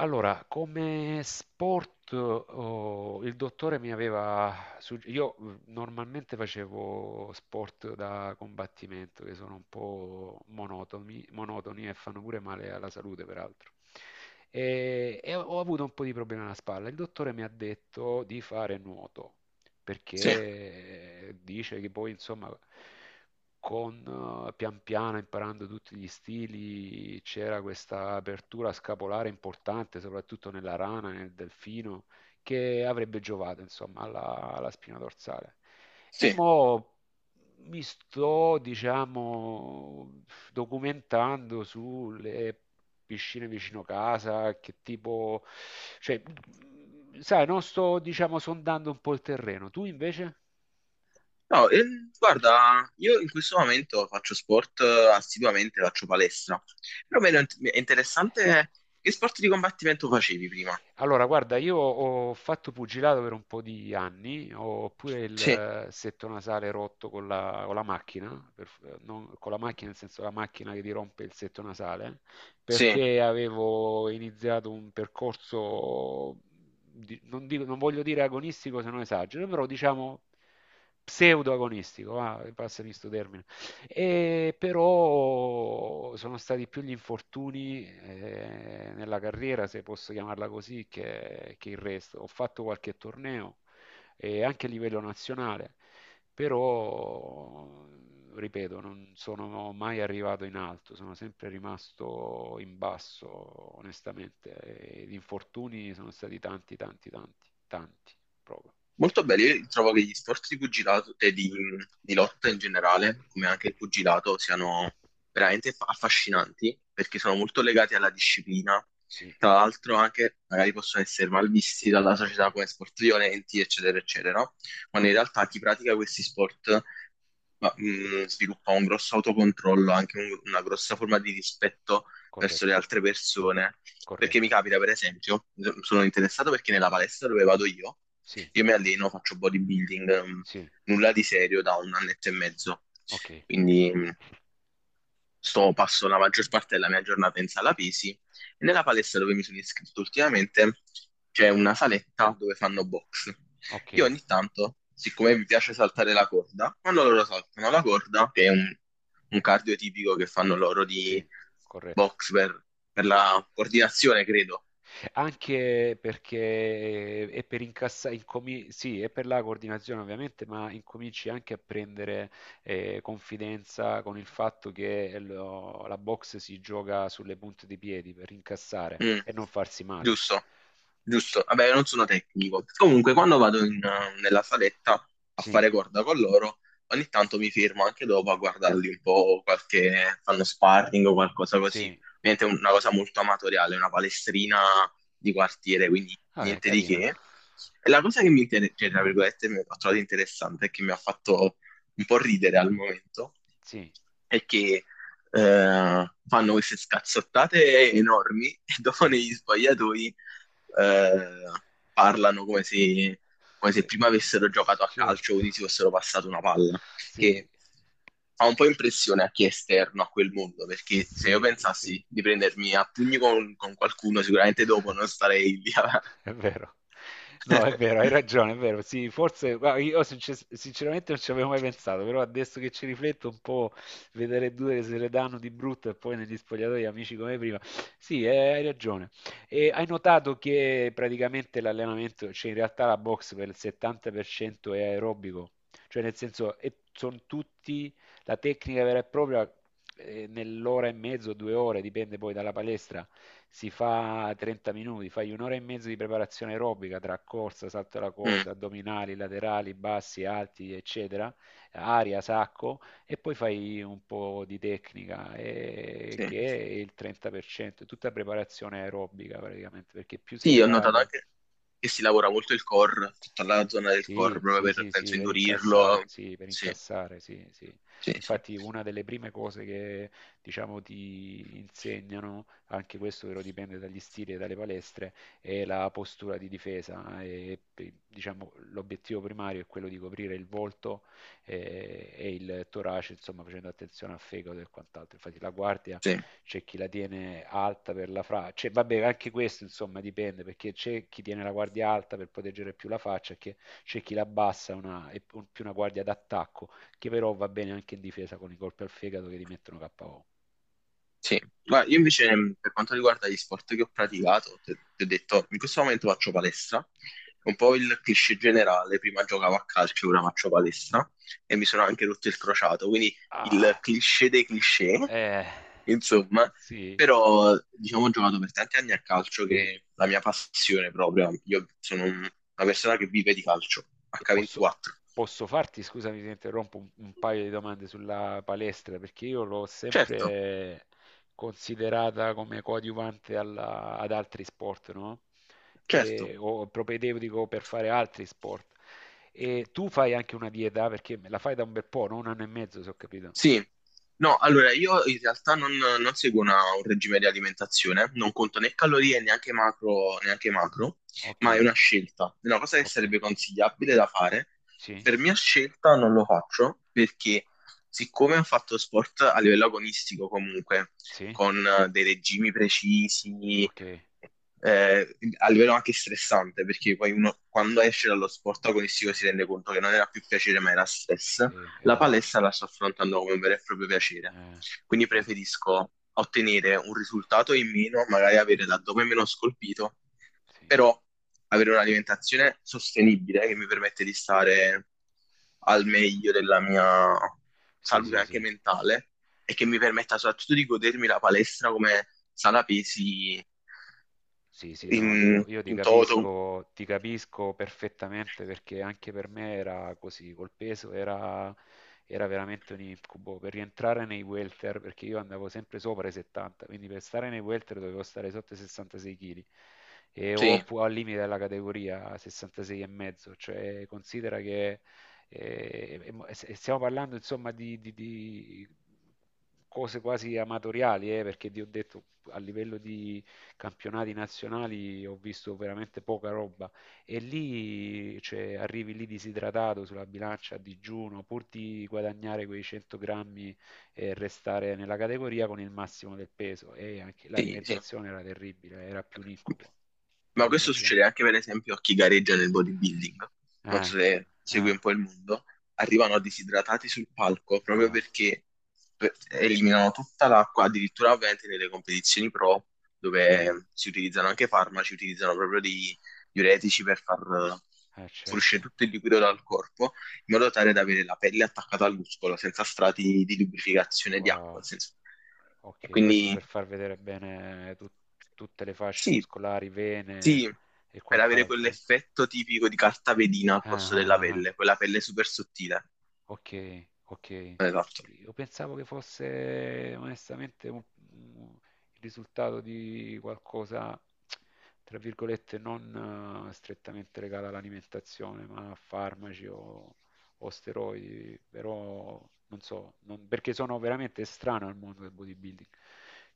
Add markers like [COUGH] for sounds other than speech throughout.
Allora, come sport, oh, il dottore mi aveva... sugge- io normalmente facevo sport da combattimento, che sono un po' monotoni, monotoni e fanno pure male alla salute, peraltro. E ho avuto un po' di problemi alla spalla. Il dottore mi ha detto di fare nuoto, Sì, perché dice che poi, insomma, con pian piano imparando tutti gli stili, c'era questa apertura scapolare importante, soprattutto nella rana, nel delfino, che avrebbe giovato, insomma, alla spina dorsale. E sì. mo mi sto, diciamo, documentando sulle piscine vicino casa, che tipo, cioè, sai, non sto, diciamo, sondando un po' il terreno. Tu invece? No, guarda, io in questo momento faccio sport assiduamente, faccio palestra. Però mi è interessante che sport di combattimento facevi prima. Allora, guarda, io ho fatto pugilato per un po' di anni, ho pure il Sì, setto nasale rotto con la macchina, con la macchina nel senso la macchina che ti rompe il setto nasale, sì, perché avevo iniziato un percorso, non voglio dire agonistico se non esagero, però diciamo pseudo-agonistico, va, passami sto termine. E però sono stati più gli infortuni nella carriera, se posso chiamarla così, che il resto. Ho fatto qualche torneo e anche a livello nazionale, però, ripeto, non sono mai arrivato in alto, sono sempre rimasto in basso, onestamente. E gli infortuni sono stati tanti, tanti, tanti, tanti, proprio. molto belli. Io trovo che gli sport di pugilato di lotta in generale, come anche il pugilato, siano veramente affascinanti perché sono molto legati alla disciplina. Sì. Tra l'altro anche magari possono essere malvisti dalla società come sport violenti, eccetera, eccetera, no? Quando in realtà chi pratica questi sport sviluppa un grosso autocontrollo, anche una grossa forma di rispetto verso le Corretto, altre persone. Perché mi corretto. capita, per esempio, sono interessato perché nella palestra dove vado Sì, io mi alleno, faccio bodybuilding, sì, nulla di serio da un annetto e mezzo. ok, Quindi sto passo la maggior parte della mia giornata in sala pesi e nella palestra dove mi sono iscritto ultimamente c'è una saletta dove fanno box. ok, Io ogni tanto, siccome mi piace saltare la corda, quando loro saltano la corda, che è un cardio tipico che fanno loro sì, di corretto. box per la coordinazione, credo. Anche perché è per incassare, sì, è per la coordinazione ovviamente, ma incominci anche a prendere confidenza con il fatto che la box si gioca sulle punte dei piedi per incassare Mm, e non farsi male. giusto, giusto. Vabbè, non sono tecnico. Comunque, quando vado nella saletta a Sì, fare corda con loro, ogni tanto mi fermo anche dopo a guardarli un po', qualche, fanno sparring o qualcosa così. sì, Ovviamente è una cosa molto amatoriale, una palestrina di quartiere, quindi vabbè, niente di carina. che. E la cosa che cioè, tra virgolette, mi ho trovato interessante e che mi ha fatto un po' ridere al momento, Sì, è che fanno queste scazzottate enormi [LAUGHS] e dopo sì. negli sbagliatoi eh, parlano come Sì, se prima avessero giocato a calcio, certo. quindi si fossero passato una palla, Sì, che fa un po' impressione a chi è esterno a quel mondo, perché se io sì, sì. pensassi di prendermi a pugni con qualcuno, sicuramente dopo non [LAUGHS] starei lì. A- È vero. No, è vero, hai [LAUGHS] ragione, è vero. Sì, forse guarda, io sinceramente non ci avevo mai pensato, però adesso che ci rifletto un po', vedere due che se le danno di brutto e poi negli spogliatoi amici come prima. Sì, hai ragione. E hai notato che praticamente l'allenamento, cioè in realtà la box per il 70% è aerobico, cioè nel senso e sono tutti la tecnica vera e propria nell'ora e mezzo, 2 ore, dipende poi dalla palestra, si fa 30 minuti, fai un'ora e mezzo di preparazione aerobica tra corsa, salto alla Mm, corda, addominali, laterali, bassi, alti, eccetera, aria, sacco, e poi fai un po' di tecnica, sì. che è il 30%, è tutta preparazione aerobica praticamente, perché più sei Sì, ho notato preparato anche che si lavora molto il core, tutta la zona del core, sì, proprio sì, per, sì, penso, sì, per incassare, indurirlo. sì, per Sì, incassare, sì, sì. sì, sì. Infatti una delle prime cose che, diciamo, ti insegnano, anche questo però dipende dagli stili e dalle palestre, è la postura di difesa. E, diciamo, l'obiettivo primario è quello di coprire il volto e, il torace, insomma, facendo attenzione al fegato e quant'altro. Infatti la guardia Sì, c'è chi la tiene alta per la faccia, vabbè anche questo insomma dipende perché c'è chi tiene la guardia alta per proteggere più la faccia, che- c'è chi la abbassa è più una guardia d'attacco che però va bene anche in difesa con i colpi al fegato che ti mettono KO. sì. Guarda, io invece per quanto riguarda gli sport che ho praticato, ti ho detto, in questo momento faccio palestra, un po' il cliché generale, prima giocavo a calcio, ora faccio palestra e mi sono anche rotto il crociato, quindi il Ah, cliché dei cliché, eh, insomma, sì. però diciamo ho giocato per tanti anni a calcio che è la mia passione proprio, io sono un- una persona che vive di calcio, E posso, H24. posso farti, scusami se interrompo, un paio di domande sulla palestra, perché io l'ho Certo, sempre considerata come coadiuvante alla- ad altri sport, no? certo. E- o propedeutico per fare altri sport. E tu fai anche una dieta, perché me la fai da un bel po', no? Un anno e mezzo, se ho capito. Sì, no, allora io in realtà non seguo una- un regime di alimentazione, non conto né calorie, neanche macro, Ok, ma è una scelta, è una cosa che ok, sarebbe consigliabile da fare. sì, Per mia scelta non lo faccio perché siccome ho fatto sport a livello agonistico comunque, sì, con dei regimi precisi, ok, a livello anche stressante, perché poi uno quando esce dallo sport agonistico si rende conto che non era più piacere ma era stress, sì, la esatto, palestra la sto affrontando come un vero e proprio piacere, fai quindi bene, preferisco ottenere un risultato in meno, magari avere l'addome meno scolpito, sì, però avere un'alimentazione sostenibile che mi permette di stare al meglio della mia sì, salute sì, sì, anche mentale e che mi permetta soprattutto di godermi la palestra come sala pesi sì, sì, no, io in toto. Ti capisco perfettamente perché anche per me era così, col peso era veramente un incubo. Per rientrare nei welter, perché io andavo sempre sopra i 70, quindi per stare nei welter dovevo stare sotto i 66 kg e o Sì, al limite della categoria 66,5, cioè considera che stiamo parlando insomma di cose quasi amatoriali, perché ti ho detto a livello di campionati nazionali ho visto veramente poca roba e lì cioè, arrivi lì disidratato sulla bilancia a digiuno pur di guadagnare quei 100 grammi e restare nella categoria con il massimo del peso e anche sì, sì. l'alimentazione era terribile, era più un incubo, ti Ma do questo ragione. succede anche per esempio a chi gareggia nel bodybuilding. Non so Ah, se segui ah, un po' il mondo. Arrivano disidratati sul palco proprio ah, perché per- eliminano tutta l'acqua, addirittura ovviamente nelle competizioni pro, sì, dove si utilizzano anche farmaci, utilizzano proprio dei diuretici per far fuoriuscire certo. tutto il liquido dal corpo in modo tale da avere la pelle attaccata al muscolo senza strati di lubrificazione di Wow, acqua. Nel senso- E ok, questo quindi per far vedere bene tutte le fasce sì, muscolari, vene sì, e per avere quant'altro. Eh? quell'effetto tipico di carta vedina al Ah, posto ah, della ah, ah. pelle, quella pelle super sottile. Ok, ok. Esatto. Io pensavo che fosse onestamente un- il risultato di qualcosa, tra virgolette, non strettamente legato all'alimentazione, ma a farmaci o steroidi, però non so, perché sono veramente estraneo al mondo del bodybuilding.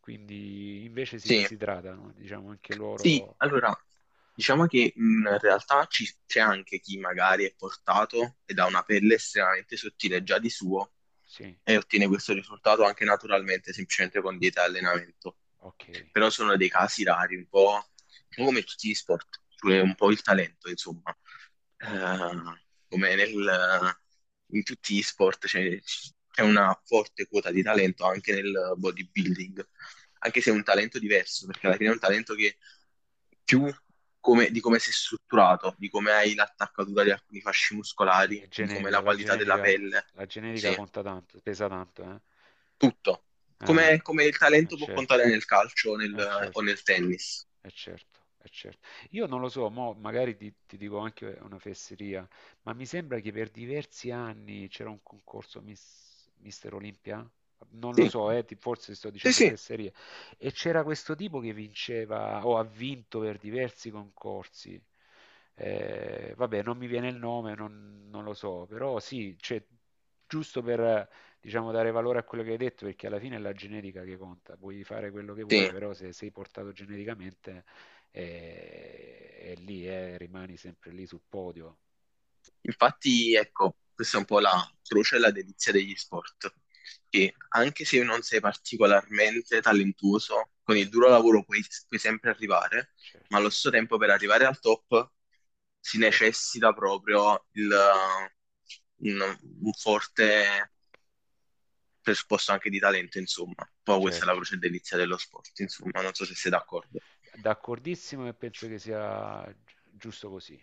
Quindi invece si Sì. disidratano, diciamo anche Sì, loro, allora, diciamo che in realtà ci- c'è anche chi magari è portato ed ha una pelle estremamente sottile già di suo sì, e ottiene questo risultato anche naturalmente, semplicemente con dieta e allenamento. ok. Però sono dei casi rari, un po' come tutti gli sport, cioè un po' il talento, insomma. Eh, come nel- in tutti gli sport c'è c'è una forte quota di talento anche nel bodybuilding anche se è un talento diverso, perché alla fine è un talento che più come- di come sei strutturato, di come hai l'attaccatura di alcuni fasci Quindi muscolari, è di come è genetica, la la qualità della genetica, pelle, la genetica sì, conta tanto, pesa tanto, eh? tutto. Eh, Come, come il eh talento può certo, contare nel calcio eh o certo nel tennis. è certo, è certo. Io non lo so, mo magari ti dico anche una fesseria, ma mi sembra che per diversi anni c'era un concorso Mister Olimpia? Non lo Sì, so, forse sto sì, dicendo sì, fesserie. E c'era questo tipo che vinceva o ha vinto per diversi concorsi. Vabbè, non mi viene il nome, non lo so, però sì, cioè, giusto per, diciamo, dare valore a quello che hai detto, perché alla fine è la genetica che conta. Puoi fare quello che vuoi, sì. però se sei portato geneticamente è, lì, rimani sempre lì sul podio. Infatti, ecco, questa è un po' la croce e la delizia degli sport, che anche se non sei particolarmente talentuoso, con il duro lavoro puoi sempre arrivare, ma Certo, allo stesso tempo per arrivare al top si certo, necessita proprio un, un forte presupposto anche di talento, insomma. Poi questa è la certo. croce e delizia dello sport, insomma, non so se sei d'accordo. D'accordissimo e penso che sia giusto così.